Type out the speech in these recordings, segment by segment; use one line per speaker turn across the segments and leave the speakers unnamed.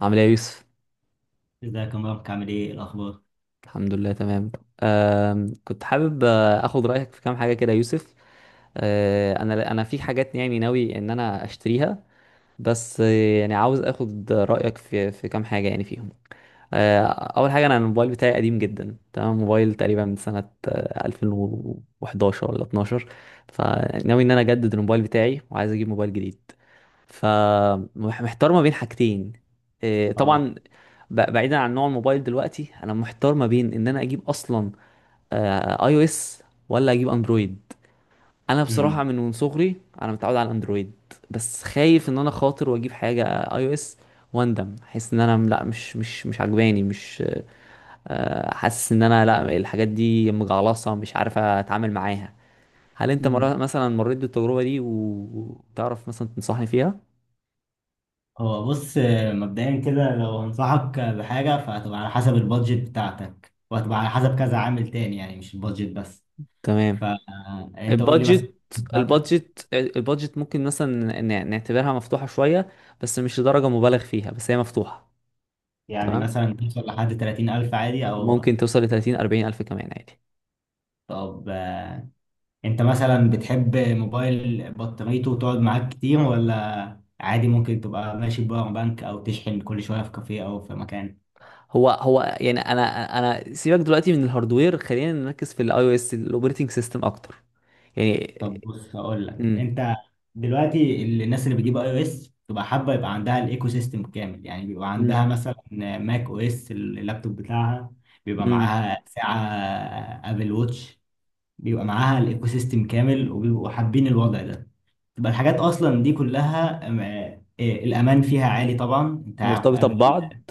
عامل ايه يا يوسف؟
ازيك يا مبارك، عامل ايه؟ إيه الاخبار؟
الحمد لله، تمام. كنت حابب اخد رايك في كام حاجه كده يا يوسف. أه انا انا في حاجات، يعني ناوي ان انا اشتريها. بس يعني عاوز اخد رايك في كام حاجه يعني فيهم. اول حاجه، انا الموبايل بتاعي قديم جدا، تمام، موبايل تقريبا من سنه 2011 ولا 12. فناوي ان انا اجدد الموبايل بتاعي وعايز اجيب موبايل جديد. فمحتار ما بين حاجتين. إيه،
اه.
طبعا. بعيدا عن نوع الموبايل دلوقتي، انا محتار ما بين ان انا اجيب اصلا اي او اس، ولا اجيب اندرويد. انا بصراحه
امم.
من صغري. انا متعود على الاندرويد. بس خايف ان انا خاطر واجيب حاجه اي او اس، واندم احس ان انا لا، مش عجباني، مش آه، حاسس ان انا لا، الحاجات دي مجعلصه، مش عارف اتعامل معاها. هل انت
مم.
مرة مثلا مريت بالتجربه دي وتعرف مثلا تنصحني فيها؟
هو بص، مبدئيا كده لو هنصحك بحاجه فهتبقى على حسب البادجت بتاعتك، وهتبقى على حسب كذا عامل تاني، يعني مش البادجت بس.
تمام.
فانت قول لي مثلا
البادجت
بتاعتك.
البادجت ممكن مثلا نعتبرها مفتوحة شوية، بس مش لدرجة مبالغ فيها، بس هي مفتوحة.
يعني
تمام،
مثلا توصل لحد 30,000 عادي، او
ممكن توصل ل 30 40 ألف كمان عادي.
طب، انت مثلا بتحب موبايل بطاريته تقعد معاك كتير، ولا عادي ممكن تبقى ماشي بباور بانك او تشحن كل شويه في كافيه او في مكان؟
هو يعني، انا سيبك دلوقتي من الهاردوير، خلينا نركز في الاي او اس، الاوبريتنج سيستم اكتر. يعني.
طب بص هقول لك.
امم.
انت دلوقتي الناس اللي بتجيب اي او اس تبقى حابه يبقى عندها الايكو سيستم كامل، يعني بيبقى عندها مثلا ماك او اس اللابتوب بتاعها، بيبقى
امم.
معاها ساعه ابل ووتش، بيبقى معاها الايكو سيستم كامل وبيبقوا حابين الوضع ده. تبقى الحاجات اصلا دي كلها الامان فيها عالي طبعا، انت عارف
مرتبطة
ابل.
ببعض.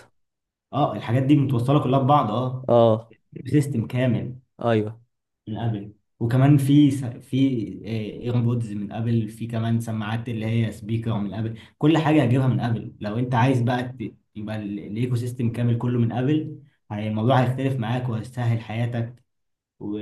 اه الحاجات دي متوصله كلها ببعض، اه
اه.
سيستم كامل
ايوه.
من ابل. وكمان في في ايربودز من ابل، في كمان سماعات اللي هي سبيكر من ابل، كل حاجه هجيبها من ابل. لو انت عايز بقى يبقى الايكو سيستم كامل كله من ابل، الموضوع هيختلف معاك وهيسهل حياتك. و...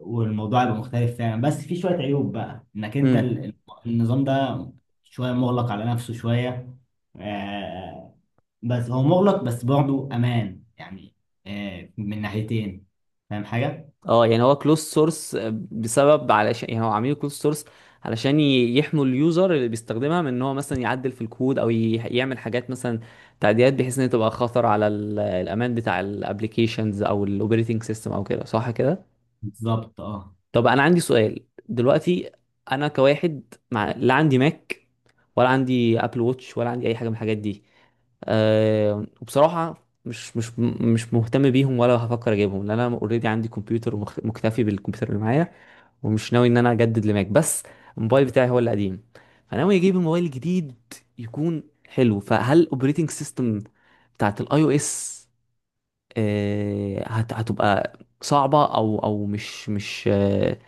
والموضوع هيبقى مختلف فعلا. بس في شويه عيوب بقى، انك انت
امم.
النظام ده شويه مغلق على نفسه شويه، آه، بس هو مغلق بس برضه امان يعني، من ناحيتين. فاهم حاجه؟
اه، يعني هو كلوز سورس، بسبب، علشان يعني هو عاملين كلوز سورس علشان يحموا اليوزر اللي بيستخدمها من ان هو مثلا يعدل في الكود، او يعمل حاجات، مثلا تعديلات، بحيث ان هي تبقى خطر على الامان بتاع الابلكيشنز او الاوبريتنج سيستم او كده، صح كده؟
بالظبط اه.
طب انا عندي سؤال دلوقتي، انا كواحد، لا عندي ماك، ولا عندي ابل ووتش، ولا عندي اي حاجه من الحاجات دي. وبصراحه مش مهتم بيهم، ولا هفكر اجيبهم، لان انا اوريدي عندي كمبيوتر، مكتفي بالكمبيوتر اللي معايا. ومش ناوي ان انا اجدد لماك، بس الموبايل بتاعي هو اللي قديم. فناوي اجيب الموبايل الجديد يكون حلو. فهل الاوبريتنج سيستم بتاعت الاي او اس هتبقى صعبة، او مش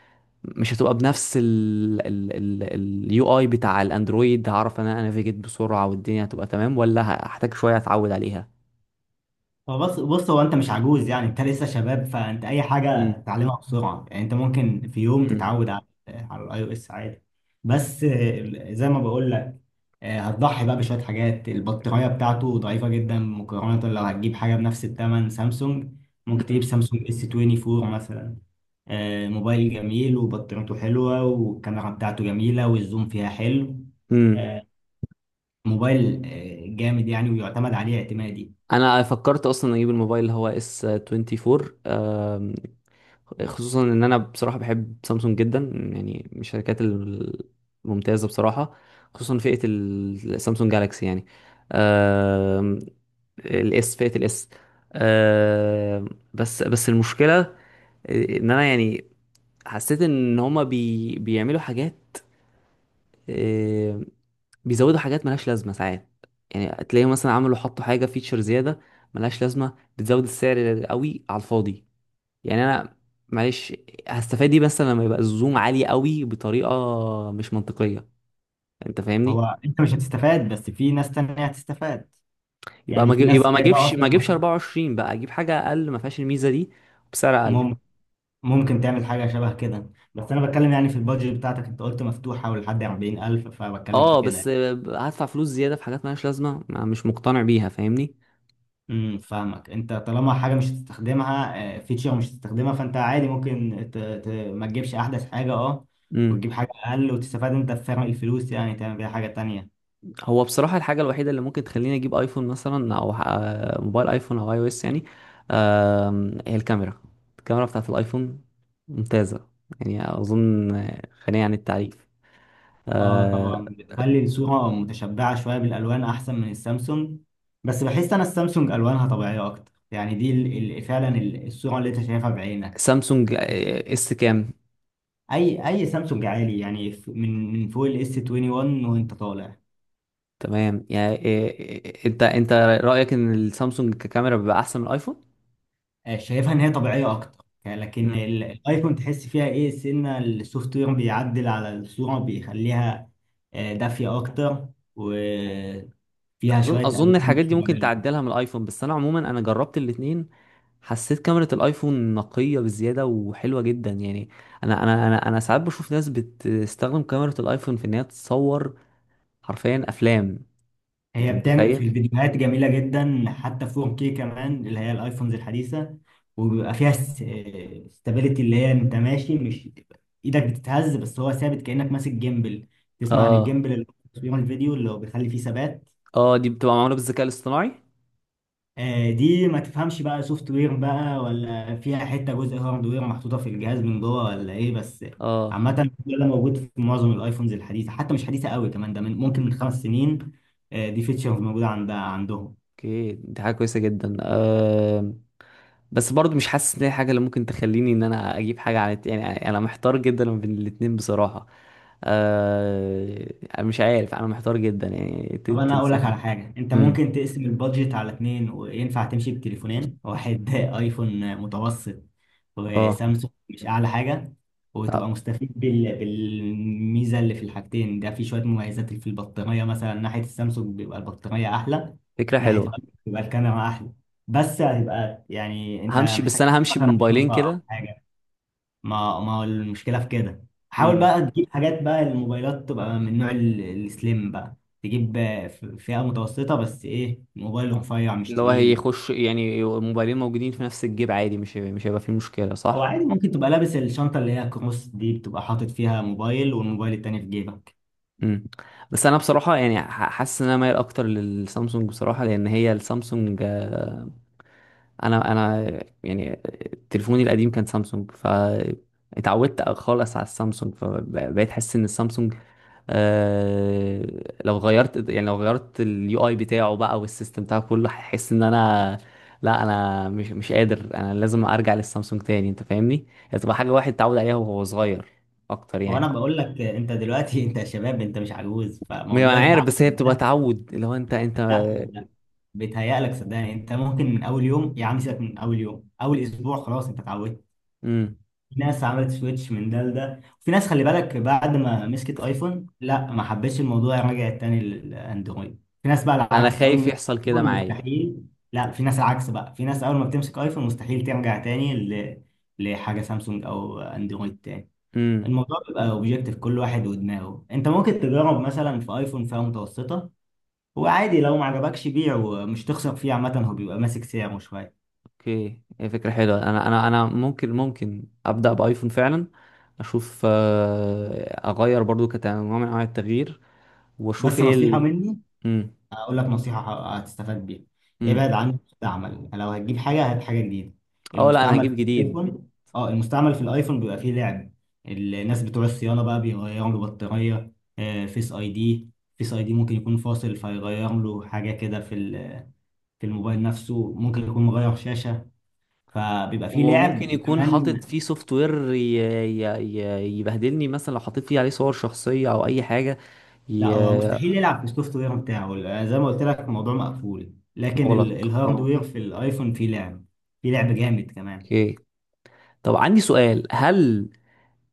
مش هتبقى بنفس اليو اي بتاع الاندرويد؟ هعرف ان انا انافيجيت بسرعة والدنيا هتبقى تمام، ولا هحتاج شوية اتعود عليها؟
هو بص هو انت مش عجوز، يعني انت لسه شباب، فانت اي حاجه
مم.
تتعلمها بسرعه، يعني انت ممكن في يوم
مم.
تتعود على على الاي او اس عادي. بس زي ما بقول لك، هتضحي بقى بشويه حاجات، البطاريه بتاعته ضعيفه جدا مقارنه لو هتجيب حاجه بنفس الثمن سامسونج. ممكن تجيب سامسونج اس 24 مثلا، موبايل جميل، وبطاريته حلوه، والكاميرا بتاعته جميله، والزوم فيها حلو،
مم.
آه، موبايل جامد يعني، ويعتمد عليه اعتمادي.
انا فكرت اصلا اجيب الموبايل اللي هو اس 24، خصوصا ان انا بصراحه بحب سامسونج جدا، يعني من الشركات الممتازه بصراحه، خصوصا فئه السامسونج جالاكسي يعني، آم، الاس، فئة الاس. آه بس المشكلة ان انا يعني حسيت ان هما بيعملوا حاجات، آه بيزودوا حاجات ملهاش لازمة ساعات. يعني تلاقيهم مثلا حطوا حاجة فيتشر زيادة ملهاش لازمة، بتزود السعر قوي على الفاضي. يعني انا، معلش، هستفاد ايه بس لما يبقى الزوم عالي قوي بطريقه مش منطقيه، انت فاهمني؟
هو انت مش هتستفاد، بس في ناس تانية هتستفاد،
يبقى
يعني
ما أجيب-
في ناس
يبقى ما
جايبه
اجيبش ما
اصلا.
اجيبش 24 بقى، اجيب حاجه اقل ما فيهاش الميزه دي بسعر اقل.
مم- ممكن تعمل حاجه شبه كده، بس انا بتكلم يعني في البادجت بتاعتك، انت قلت مفتوحه ولحد 40,000، فبتكلم في
اه، بس
كده.
هدفع فلوس زياده في حاجات مالهاش لازمه، ما مش مقتنع بيها، فاهمني؟
امم، فاهمك. انت طالما حاجه مش هتستخدمها، فيتشر مش هتستخدمها، فانت عادي ممكن ما تجيبش احدث حاجه اه، وتجيب
امم.
حاجه اقل، وتستفاد انت بفرق الفلوس، يعني تعمل بيها حاجه تانية.
هو بصراحه الحاجه الوحيده اللي ممكن تخليني اجيب ايفون مثلا، او موبايل ايفون او اي او اس يعني، هي الكاميرا. الكاميرا بتاعت الايفون ممتازه، يعني اظن غنيه عن التعريف.
اه
آه،
طبعا بتخلي الصورة متشبعة شوية بالألوان أحسن من السامسونج. بس بحس أنا السامسونج ألوانها طبيعية أكتر، يعني دي فعلا الصورة اللي أنت شايفها بعينك.
سامسونج اس كام؟
أي أي سامسونج عالي، يعني من فوق ال S21 وأنت طالع.
تمام، يعني انت رأيك ان السامسونج ككاميرا بيبقى احسن من الايفون؟
شايفها إن هي طبيعية أكتر يعني،
مم.
لكن الأيفون تحس فيها إيه سنة، السوفت وير بيعدل على الصورة بيخليها دافية أكتر، وفيها
اظن
شوية
اظن
ألوان
الحاجات
مش
دي ممكن
طبيعية.
تعدلها من الايفون، بس انا عموما انا جربت الاتنين. حسيت كاميرا الايفون نقية بزيادة وحلوة جدا يعني. انا ساعات بشوف ناس بتستخدم كاميرا الايفون في ان هي تصور حرفيا افلام. انت
هي بتعمل
متخيل؟
في الفيديوهات جميلة جدا، حتى 4K كمان، اللي هي الايفونز الحديثة. وبيبقى فيها ستابيليتي، اللي هي انت ماشي مش ايدك بتتهز، بس هو ثابت كأنك ماسك جيمبل. تسمع عن
اه.
الجيمبل اللي بيعمل الفيديو اللي هو بيخلي فيه ثبات؟
اه. دي بتبقى معمولة بالذكاء الاصطناعي.
دي ما تفهمش بقى سوفت وير بقى ولا فيها حتة جزء هارد وير محطوطة في الجهاز من جوه ولا ايه بس.
اه.
عامة ده موجود في معظم الايفونز الحديثة، حتى مش حديثة قوي كمان، ده من ممكن من 5 سنين. دي فيتشرز موجودة عندهم.
اوكي، دي حاجة كويسة جدا، بس برضو مش حاسس ان هي حاجه اللي ممكن تخليني ان انا اجيب حاجه عن يعني انا محتار جدا ما بين الاتنين بصراحه. أنا مش عارف، انا محتار جدا، يعني
طب انا اقول لك على
تنصحني.
حاجه، انت
امم.
ممكن تقسم البادجت على اتنين، وينفع تمشي بتليفونين واحد ايفون متوسط
اه.
وسامسونج مش اعلى حاجه، وتبقى
آه،
مستفيد بالميزه اللي في الحاجتين. ده في شويه مميزات، في البطاريه مثلا ناحيه السامسونج بيبقى البطاريه احلى،
فكره
ناحيه
حلوه.
الايفون بيبقى الكاميرا احلى. بس هتبقى يعني انت
همشي، بس انا همشي
مثلا
بموبايلين
شنطه او
كده.
حاجه، ما هو المشكله في كده؟ حاول
امم.
بقى تجيب حاجات بقى الموبايلات تبقى من نوع السليم بقى، تجيب فئه متوسطه، بس ايه، موبايل رفيع مش
اللي هو
تقيل.
هيخش، يعني موبايلين موجودين في نفس الجيب عادي، مش هيبقى فيه مشكله،
او
صح؟
عادي ممكن تبقى لابس الشنطه اللي هي كروس دي، بتبقى حاطط فيها موبايل والموبايل التاني في جيبك.
امم. بس انا بصراحه يعني حاسس ان انا مايل اكتر للسامسونج بصراحه، لان هي السامسونج، انا يعني تليفوني القديم كان سامسونج، ف اتعودت خالص على السامسونج، فبقيت احس ان السامسونج، آه لو غيرت، يعني لو غيرت اليو اي بتاعه بقى والسيستم بتاعه كله، هحس ان انا لا، انا مش قادر، انا لازم ارجع للسامسونج تاني، انت فاهمني؟ هي تبقى حاجه واحد اتعود عليها وهو صغير اكتر،
هو انا
يعني.
بقول لك انت دلوقتي انت شباب، انت مش عجوز،
ما
فموضوع
انا عارف،
التعود
بس هي بتبقى
ده
تعود لو انت.
لا لا، بيتهيألك. صدقني انت ممكن من اول يوم، يا عم سيبك من اول يوم، اول اسبوع خلاص انت اتعودت.
امم.
في ناس عملت سويتش من ده لده، في ناس خلي بالك بعد ما مسكت ايفون لا ما حبتش الموضوع رجعت تاني للاندرويد، في ناس بقى
انا
العكس اول ما
خايف
مسكت
يحصل كده
ايفون
معايا.
مستحيل. لا في ناس العكس بقى، في ناس اول ما بتمسك ايفون مستحيل ترجع تاني لحاجه سامسونج او اندرويد تاني.
امم.
الموضوع بيبقى اوبجيكتيف، كل واحد ودماغه. انت ممكن تجرب مثلا في ايفون فئه متوسطه، وعادي لو ما عجبكش بيعه، مش تخسر فيه، عامه هو بيبقى ماسك سعره شويه.
اوكي، هي فكرة حلوة، انا ممكن ابدأ بايفون فعلا. اشوف، اغير برضو كنوع من انواع التغيير، واشوف
بس
ايه
نصيحه
ال.
مني،
امم.
هقول لك نصيحة هتستفاد بيها: ابعد
امم.
عن المستعمل، لو هتجيب حاجة هات حاجة جديدة.
اه، لا انا
المستعمل في
هجيب جديد.
الايفون، اه المستعمل في الايفون بيبقى فيه لعب، الناس بتوع الصيانة بقى بيغيروا له بطارية، آه، فيس اي دي فيس اي دي ممكن يكون فاصل، فيغير له حاجة كده في في الموبايل نفسه، ممكن يكون مغير شاشة، فبيبقى فيه
وممكن
لعب
يكون حاطط
كمان.
فيه سوفت وير ي... يبهدلني مثلا لو حطيت فيه عليه صور شخصية او اي حاجة.
لا
ي...
هو مستحيل يلعب في السوفت وير بتاعه، زي ما قلت لك الموضوع مقفول، لكن
مغلق، اه.
الهاردوير في الايفون فيه لعب، فيه لعب جامد كمان.
اوكي. طب عندي سؤال، هل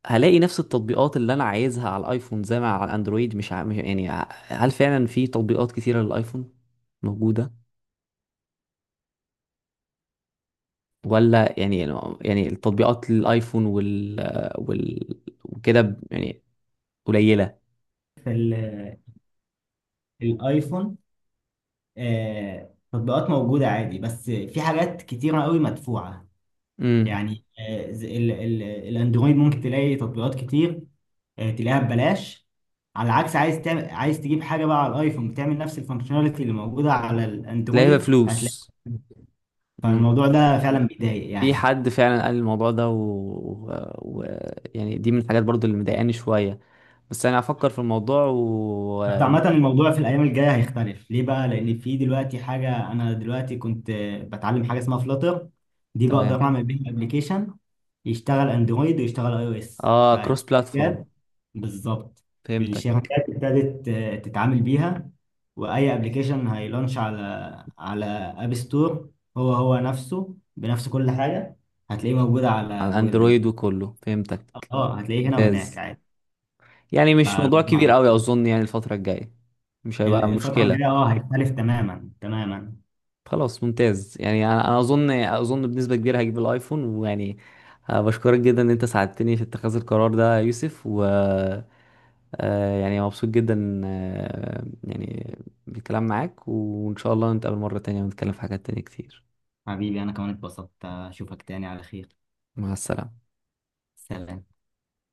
هلاقي نفس التطبيقات اللي انا عايزها على الايفون زي ما على الاندرويد، مش, ع... مش يعني ع- يعني هل فعلا في تطبيقات كتيرة للايفون موجودة؟ ولا يعني، يعني التطبيقات للايفون وال وكده، يعني قليلة.
في الايفون تطبيقات موجودة عادي، بس في حاجات كتيرة قوي مدفوعة.
امم.
يعني الاندرويد ممكن تلاقي تطبيقات كتير، تلاقيها ببلاش. على العكس عايز تعمل، عايز تجيب حاجة بقى على الايفون بتعمل نفس الفانكشناليتي اللي موجودة على
تلاقيها
الاندرويد، هتلاقي.
بفلوس. امم.
فالموضوع ده فعلا بيضايق
في
يعني.
حد فعلا قال الموضوع ده و... يعني دي من الحاجات برضو اللي مضايقاني شوية. بس انا هفكر في الموضوع
بس
و...
عامة الموضوع في الأيام الجاية هيختلف ليه بقى؟ لأن
مم.
في دلوقتي حاجة، أنا دلوقتي كنت بتعلم حاجة اسمها فلاتر، دي بقدر
تمام.
أعمل بيها أبلكيشن يشتغل أندرويد ويشتغل أي أو إس.
اه، كروس بلاتفورم،
فالشركات بالظبط،
فهمتك.
الشركات ابتدت تتعامل بيها، وأي أبلكيشن هيلونش على على أب ستور هو هو نفسه، بنفس كل حاجة هتلاقيه موجود على
على
جوجل بلاي.
اندرويد وكله، فهمتك.
اه هتلاقيه هنا وهناك
ممتاز،
عادي.
يعني مش موضوع كبير
فالموضوع
قوي اظن، يعني الفترة الجاية مش هيبقى
الفترة الجاية
مشكلة.
اه هيختلف تماما تماما.
خلاص، ممتاز، يعني انا اظن بنسبة كبيرة هجيب الايفون، ويعني بشكرك جدا ان انت ساعدتني في اتخاذ القرار ده يا يوسف، و يعني مبسوط جدا، يعني بالكلام معاك، وان شاء الله نتقابل مرة تانية ونتكلم في حاجات تانية كتير.
حبيبي أنا كمان اتبسطت، أشوفك تاني على خير.
مع السلامة.
سلام.